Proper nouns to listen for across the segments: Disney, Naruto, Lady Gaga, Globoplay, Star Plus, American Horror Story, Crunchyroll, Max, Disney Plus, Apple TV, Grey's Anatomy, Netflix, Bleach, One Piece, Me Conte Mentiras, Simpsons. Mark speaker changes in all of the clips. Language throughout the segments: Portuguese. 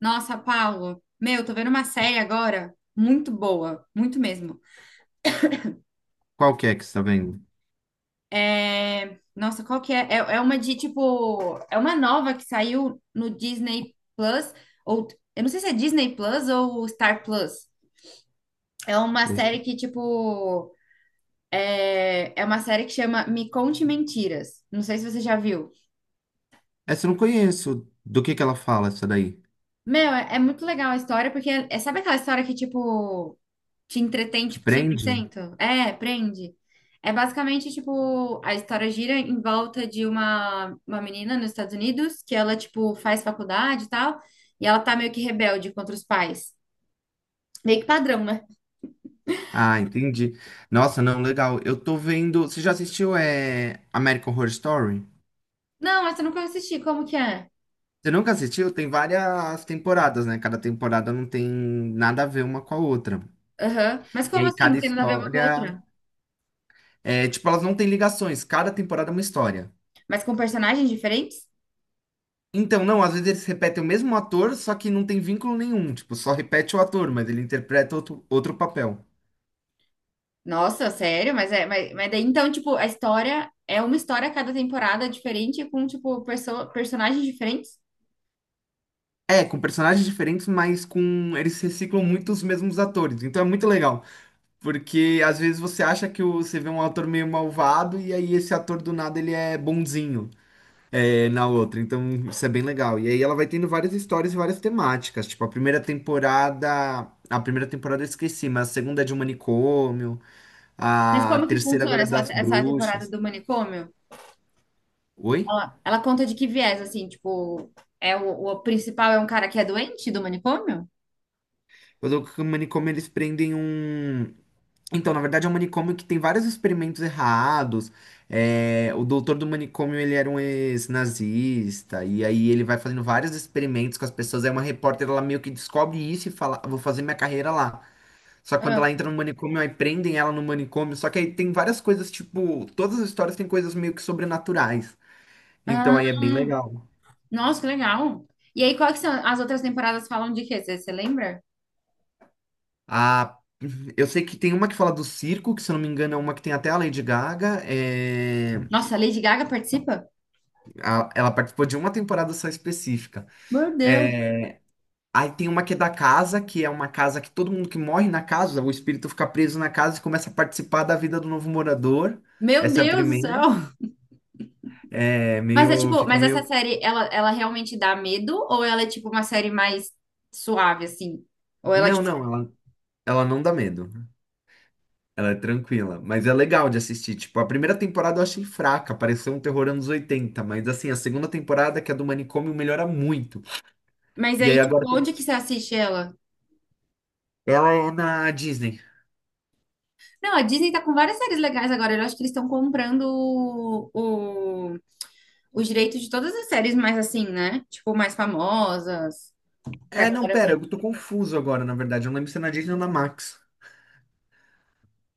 Speaker 1: Nossa, Paulo, meu, tô vendo uma série agora muito boa, muito mesmo.
Speaker 2: Qual que é que você tá vendo?
Speaker 1: É, nossa, qual que é? É uma de tipo, é uma nova que saiu no Disney Plus ou eu não sei se é Disney Plus ou Star Plus. É uma
Speaker 2: Esse-
Speaker 1: série que tipo, é uma série que chama Me Conte Mentiras. Não sei se você já viu.
Speaker 2: Essa eu não conheço. Do que ela fala, essa daí?
Speaker 1: Meu, é muito legal a história porque sabe aquela história que tipo te entretém,
Speaker 2: Te
Speaker 1: tipo, cem por
Speaker 2: prende?
Speaker 1: cento É, prende. É basicamente, tipo, a história gira em volta de uma menina nos Estados Unidos, que ela, tipo, faz faculdade e tal, e ela tá meio que rebelde contra os pais. Meio que padrão, né?
Speaker 2: Ah, entendi. Nossa, não, legal. Eu tô vendo. Você já assistiu American Horror Story?
Speaker 1: Não, essa eu nunca assisti, como que é?
Speaker 2: Você nunca assistiu? Tem várias temporadas, né? Cada temporada não tem nada a ver uma com a outra.
Speaker 1: Aham. Mas
Speaker 2: E
Speaker 1: como
Speaker 2: aí
Speaker 1: assim? Não
Speaker 2: cada
Speaker 1: tem nada a ver uma com a
Speaker 2: história.
Speaker 1: outra?
Speaker 2: É, tipo, elas não têm ligações. Cada temporada é uma história.
Speaker 1: Mas com personagens diferentes?
Speaker 2: Então, não, às vezes eles repetem o mesmo ator, só que não tem vínculo nenhum. Tipo, só repete o ator, mas ele interpreta outro papel.
Speaker 1: Nossa, sério? Mas daí, então, tipo, a história é uma história a cada temporada diferente com, tipo, personagens diferentes?
Speaker 2: É, com personagens diferentes, mas com eles reciclam muito os mesmos atores. Então é muito legal, porque às vezes você acha que você vê um ator meio malvado e aí esse ator do nada ele é bonzinho é, na outra. Então isso é bem legal. E aí ela vai tendo várias histórias e várias temáticas. Tipo a primeira temporada eu esqueci, mas a segunda é de um manicômio,
Speaker 1: Mas
Speaker 2: a
Speaker 1: como que
Speaker 2: terceira
Speaker 1: funciona
Speaker 2: agora é
Speaker 1: essa,
Speaker 2: das
Speaker 1: essa temporada
Speaker 2: bruxas.
Speaker 1: do manicômio?
Speaker 2: Oi?
Speaker 1: Ela conta de que viés, assim, tipo, é o principal é um cara que é doente do manicômio?
Speaker 2: Eu tô com o manicômio eles prendem um. Então, na verdade, é um manicômio que tem vários experimentos errados. É, o doutor do manicômio, ele era um ex-nazista, e aí ele vai fazendo vários experimentos com as pessoas. É uma repórter, ela meio que descobre isso e fala, "Ah, vou fazer minha carreira lá." Só que quando ela
Speaker 1: Ah,
Speaker 2: entra no manicômio, aí prendem ela no manicômio. Só que aí tem várias coisas, tipo, todas as histórias têm coisas meio que sobrenaturais. Então
Speaker 1: ah,
Speaker 2: aí é bem legal.
Speaker 1: nossa, que legal. E aí, quais que são as outras temporadas falam de quê? Você lembra?
Speaker 2: A eu sei que tem uma que fala do circo, que se eu não me engano é uma que tem até a Lady Gaga.
Speaker 1: Nossa, a Lady Gaga participa?
Speaker 2: Ela participou de uma temporada só específica.
Speaker 1: Meu Deus.
Speaker 2: É, aí tem uma que é da casa, que é uma casa que todo mundo que morre na casa, o espírito fica preso na casa e começa a participar da vida do novo morador.
Speaker 1: Meu
Speaker 2: Essa é a
Speaker 1: Deus do céu.
Speaker 2: primeira. É
Speaker 1: Mas é
Speaker 2: meio,
Speaker 1: tipo,
Speaker 2: fica
Speaker 1: mas essa
Speaker 2: meio.
Speaker 1: série, ela realmente dá medo? Ou ela é tipo uma série mais suave, assim? Ou ela,
Speaker 2: Não,
Speaker 1: tipo,
Speaker 2: não, ela não dá medo. Ela é tranquila, mas é legal de assistir. Tipo, a primeira temporada eu achei fraca, pareceu um terror anos 80. Mas assim, a segunda temporada, que é do manicômio, melhora muito.
Speaker 1: mas
Speaker 2: E
Speaker 1: aí,
Speaker 2: aí
Speaker 1: tipo,
Speaker 2: agora tem-
Speaker 1: onde que você assiste ela?
Speaker 2: ela é na Disney.
Speaker 1: Não, a Disney tá com várias séries legais agora. Eu acho que eles estão comprando o- os direitos de todas as séries mais assim, né? Tipo, mais famosas, pra
Speaker 2: É, não,
Speaker 1: galera
Speaker 2: pera,
Speaker 1: ver.
Speaker 2: eu tô confuso agora, na verdade. Eu não lembro se é na Disney ou na Max.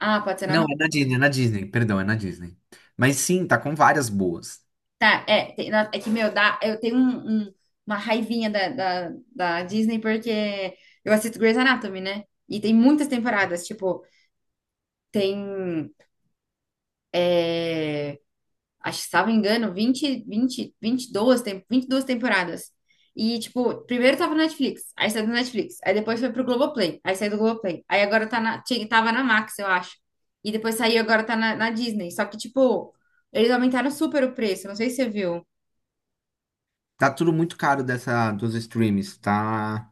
Speaker 1: Ah, pode ser na
Speaker 2: Não,
Speaker 1: Max também.
Speaker 2: é na Disney, perdão, é na Disney. Mas sim, tá com várias boas.
Speaker 1: Tá, é, é que, meu, dá, eu tenho uma raivinha da Disney porque eu assisto Grey's Anatomy, né? E tem muitas temporadas, tipo, tem é, acho que se não me engano, 22 temporadas. E, tipo, primeiro tava no Netflix, aí saiu do Netflix, aí depois foi pro Globoplay, aí saiu do Globoplay, aí agora tava na Max, eu acho. E depois saiu, agora tá na Disney. Só que, tipo, eles aumentaram super o preço, não sei se você viu.
Speaker 2: Tá tudo muito caro dessa dos streams, tá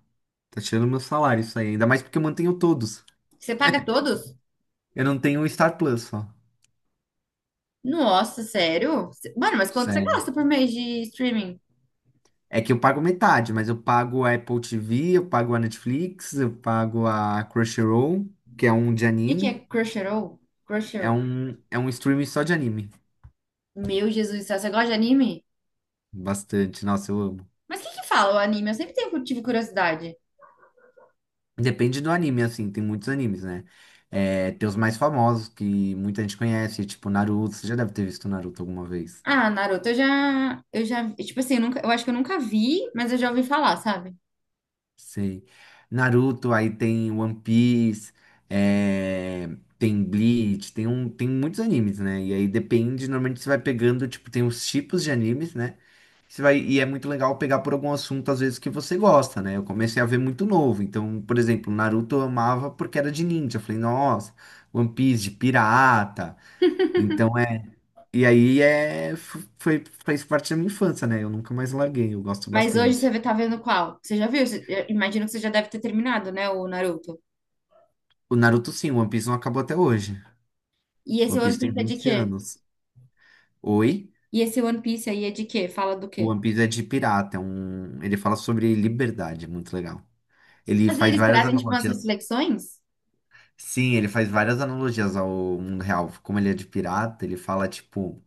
Speaker 2: tá tirando meu salário isso aí, ainda mais porque eu mantenho todos.
Speaker 1: Você paga todos?
Speaker 2: Eu não tenho o Star Plus só.
Speaker 1: Nossa, sério? Mano, mas quanto você
Speaker 2: Sério.
Speaker 1: gasta por mês de streaming? O
Speaker 2: É que eu pago metade, mas eu pago a Apple TV, eu pago a Netflix, eu pago a Crunchyroll, que é um de
Speaker 1: que que é
Speaker 2: anime,
Speaker 1: Crunchyroll?
Speaker 2: é
Speaker 1: Crunchyroll.
Speaker 2: um é um streaming só de anime.
Speaker 1: Meu Jesus do céu, você gosta de anime?
Speaker 2: Bastante, nossa, eu amo.
Speaker 1: Mas o que que fala o anime? Eu sempre tive curiosidade.
Speaker 2: Depende do anime, assim, tem muitos animes, né? É, tem os mais famosos que muita gente conhece, tipo Naruto. Você já deve ter visto Naruto alguma vez.
Speaker 1: Ah, Naruto, eu já, tipo assim, eu, nunca, eu acho que eu nunca vi, mas eu já ouvi falar, sabe?
Speaker 2: Sei. Naruto, aí tem One Piece, é, tem Bleach, tem, um, tem muitos animes, né? E aí depende, normalmente você vai pegando, tipo, tem os tipos de animes, né? Você vai, e é muito legal pegar por algum assunto, às vezes, que você gosta, né? Eu comecei a ver muito novo. Então, por exemplo, Naruto eu amava porque era de ninja. Eu falei, nossa, One Piece de pirata. Então é. E aí é. Foi, fez parte da minha infância, né? Eu nunca mais larguei, eu gosto
Speaker 1: Mas hoje
Speaker 2: bastante.
Speaker 1: você tá vendo qual? Você já viu? Eu imagino que você já deve ter terminado, né, o Naruto.
Speaker 2: O Naruto sim, o One Piece não acabou até hoje.
Speaker 1: E
Speaker 2: O
Speaker 1: esse
Speaker 2: One
Speaker 1: One
Speaker 2: Piece tem
Speaker 1: Piece é de
Speaker 2: 20
Speaker 1: quê?
Speaker 2: anos. Oi?
Speaker 1: E esse One Piece aí é de quê? Fala do
Speaker 2: O
Speaker 1: quê?
Speaker 2: One Piece é de pirata, é um. Ele fala sobre liberdade, é muito legal. Ele
Speaker 1: Mas
Speaker 2: faz
Speaker 1: eles
Speaker 2: várias
Speaker 1: trazem, tipo, umas
Speaker 2: analogias.
Speaker 1: reflexões?
Speaker 2: Sim, ele faz várias analogias ao mundo real. Como ele é de pirata, ele fala, tipo.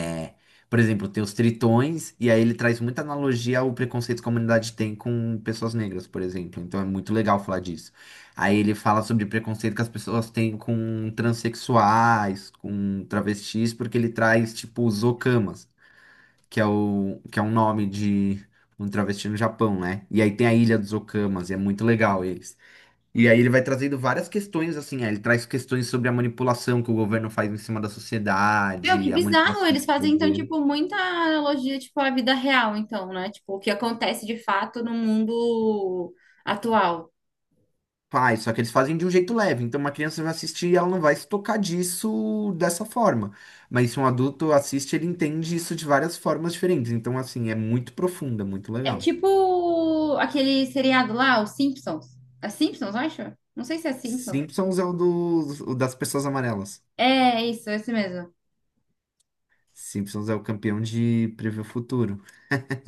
Speaker 2: É. Por exemplo, tem os tritões, e aí ele traz muita analogia ao preconceito que a comunidade tem com pessoas negras, por exemplo. Então é muito legal falar disso. Aí ele fala sobre preconceito que as pessoas têm com transexuais, com travestis, porque ele traz, tipo, os okamas, que é o, que é um nome de um travesti no Japão, né? E aí tem a Ilha dos Okamas, e é muito legal eles. E aí ele vai trazendo várias questões, assim, aí ele traz questões sobre a manipulação que o governo faz em cima da
Speaker 1: Meu, que
Speaker 2: sociedade, a
Speaker 1: bizarro!
Speaker 2: manipulação de
Speaker 1: Eles fazem, então,
Speaker 2: poder.
Speaker 1: tipo, muita analogia, tipo, à vida real, então, né? Tipo, o que acontece de fato no mundo atual.
Speaker 2: Faz, só que eles fazem de um jeito leve. Então, uma criança vai assistir e ela não vai se tocar disso dessa forma. Mas se um adulto assiste, ele entende isso de várias formas diferentes. Então, assim, é muito profunda, muito
Speaker 1: É
Speaker 2: legal.
Speaker 1: tipo aquele seriado lá, os Simpsons. É Simpsons, eu acho? Não sei se é Simpsons.
Speaker 2: Simpsons é o, dos o das pessoas amarelas.
Speaker 1: É isso, é esse mesmo.
Speaker 2: Simpsons é o campeão de prever o futuro.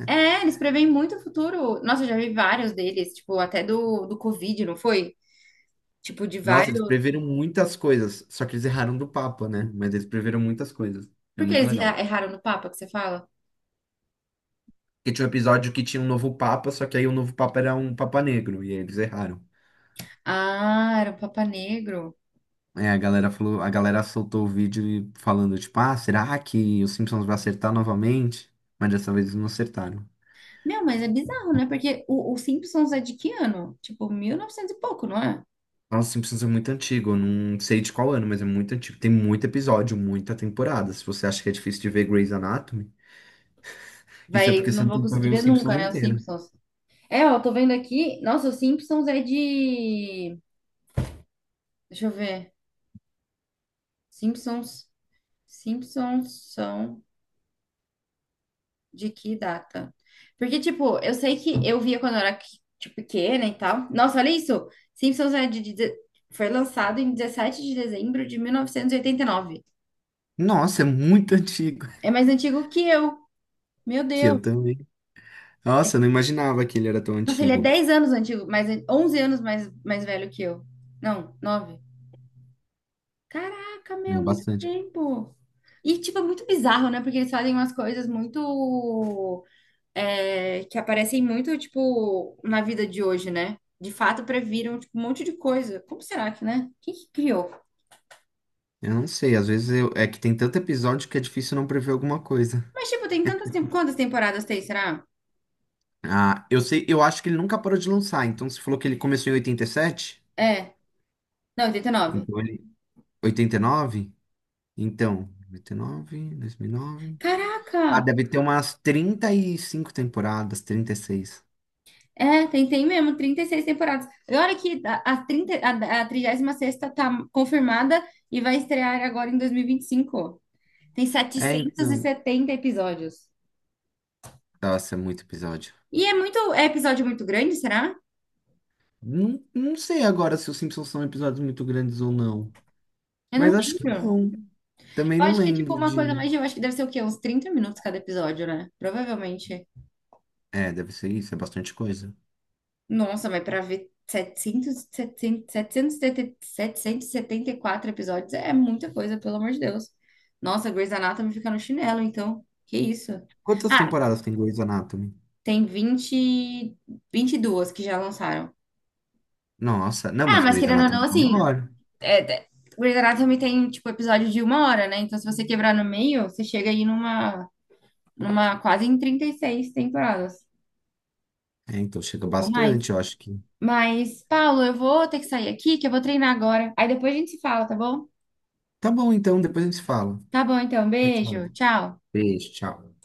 Speaker 1: É, eles preveem muito o futuro. Nossa, eu já vi vários deles, tipo, até do Covid, não foi? Tipo, de
Speaker 2: Nossa, eles
Speaker 1: vários.
Speaker 2: preveram muitas coisas, só que eles erraram do Papa, né? Mas eles preveram muitas coisas. É
Speaker 1: Por que
Speaker 2: muito
Speaker 1: eles
Speaker 2: legal.
Speaker 1: erraram no Papa que você fala?
Speaker 2: Porque tinha um episódio que tinha um novo Papa, só que aí o novo Papa era um Papa negro, e aí eles erraram.
Speaker 1: Ah, era o Papa Negro.
Speaker 2: É, a galera falou, a galera soltou o vídeo falando, tipo, ah, será que os Simpsons vai acertar novamente? Mas dessa vez eles não acertaram.
Speaker 1: Meu, mas é bizarro, né? Porque o Simpsons é de que ano? Tipo, 1900 e pouco, não é?
Speaker 2: Nossa, os Simpsons é muito antigo, eu não sei de qual ano, mas é muito antigo. Tem muito episódio, muita temporada. Se você acha que é difícil de ver Grey's Anatomy, isso é
Speaker 1: Vai,
Speaker 2: porque você
Speaker 1: não
Speaker 2: não
Speaker 1: vou
Speaker 2: tem tentou
Speaker 1: conseguir
Speaker 2: ver
Speaker 1: ver
Speaker 2: os
Speaker 1: nunca,
Speaker 2: Simpsons
Speaker 1: né? Os
Speaker 2: inteiro.
Speaker 1: Simpsons. É, ó, tô vendo aqui. Nossa, os Simpsons é de. Deixa eu ver. Simpsons, Simpsons são de que data? Porque, tipo, eu sei que eu via quando eu era, tipo, pequena e tal. Nossa, olha isso! Simpsons é de, foi lançado em 17 de dezembro de mil novecentos e oitenta e nove.
Speaker 2: Nossa, é muito antigo.
Speaker 1: É mais antigo que eu. Meu
Speaker 2: Que eu
Speaker 1: Deus!
Speaker 2: também. Nossa, eu não imaginava que ele era tão
Speaker 1: Nossa, ele é
Speaker 2: antigo.
Speaker 1: 10 anos antigo, mais, 11 anos mais velho que eu. Não, 9. Caraca,
Speaker 2: É
Speaker 1: meu, muito
Speaker 2: bastante.
Speaker 1: tempo! E, tipo, é muito bizarro, né? Porque eles fazem umas coisas muito que aparecem muito, tipo, na vida de hoje, né? De fato, previram, tipo, um monte de coisa. Como será que, né? Quem que criou?
Speaker 2: Eu não sei, às vezes é que tem tanto episódio que é difícil não prever alguma coisa.
Speaker 1: Mas, tipo, quantas temporadas tem, será?
Speaker 2: Ah, eu sei, eu acho que ele nunca parou de lançar. Então você falou que ele começou em 87,
Speaker 1: É. Não, 89.
Speaker 2: então ele 89. Então, 89, 2009. Ah,
Speaker 1: Caraca!
Speaker 2: deve ter umas 35 temporadas, 36.
Speaker 1: É, tem mesmo, 36 temporadas. E olha que a, 30, a 36ª tá confirmada e vai estrear agora em dois mil e vinte e cinco. Tem
Speaker 2: É,
Speaker 1: setecentos e
Speaker 2: então.
Speaker 1: setenta episódios.
Speaker 2: Nossa, é muito episódio.
Speaker 1: É episódio muito grande, será?
Speaker 2: Não, não sei agora se os Simpsons são episódios muito grandes ou não.
Speaker 1: Eu
Speaker 2: Mas
Speaker 1: não
Speaker 2: acho que
Speaker 1: lembro.
Speaker 2: não. Também
Speaker 1: Eu
Speaker 2: não
Speaker 1: acho que é tipo
Speaker 2: lembro
Speaker 1: uma coisa
Speaker 2: de.
Speaker 1: mais. Eu acho que deve ser o quê? Uns 30 minutos cada episódio, né? Provavelmente.
Speaker 2: É, deve ser isso, é bastante coisa.
Speaker 1: Nossa, mas pra ver 700, setenta 774 episódios é muita coisa, pelo amor de Deus. Nossa, Grey's Anatomy fica no chinelo, então. Que isso?
Speaker 2: Quantas
Speaker 1: Ah,
Speaker 2: temporadas tem Grey's Anatomy?
Speaker 1: tem 22 que já lançaram.
Speaker 2: Nossa, não,
Speaker 1: Ah,
Speaker 2: mas
Speaker 1: mas
Speaker 2: Grey's
Speaker 1: querendo ou não,
Speaker 2: Anatomy é
Speaker 1: assim.
Speaker 2: maior.
Speaker 1: É, Grey's Anatomy tem, tipo, episódio de 1 hora, né? Então, se você quebrar no meio, você chega aí numa quase em 36 temporadas.
Speaker 2: É, então chega
Speaker 1: Ou mais.
Speaker 2: bastante, eu acho que.
Speaker 1: Mas, Paulo, eu vou ter que sair aqui, que eu vou treinar agora. Aí depois a gente se fala, tá bom?
Speaker 2: Tá bom, então, depois a gente se fala.
Speaker 1: Tá bom, então.
Speaker 2: Tchau,
Speaker 1: Beijo.
Speaker 2: tchau.
Speaker 1: Tchau.
Speaker 2: Beijo, tchau.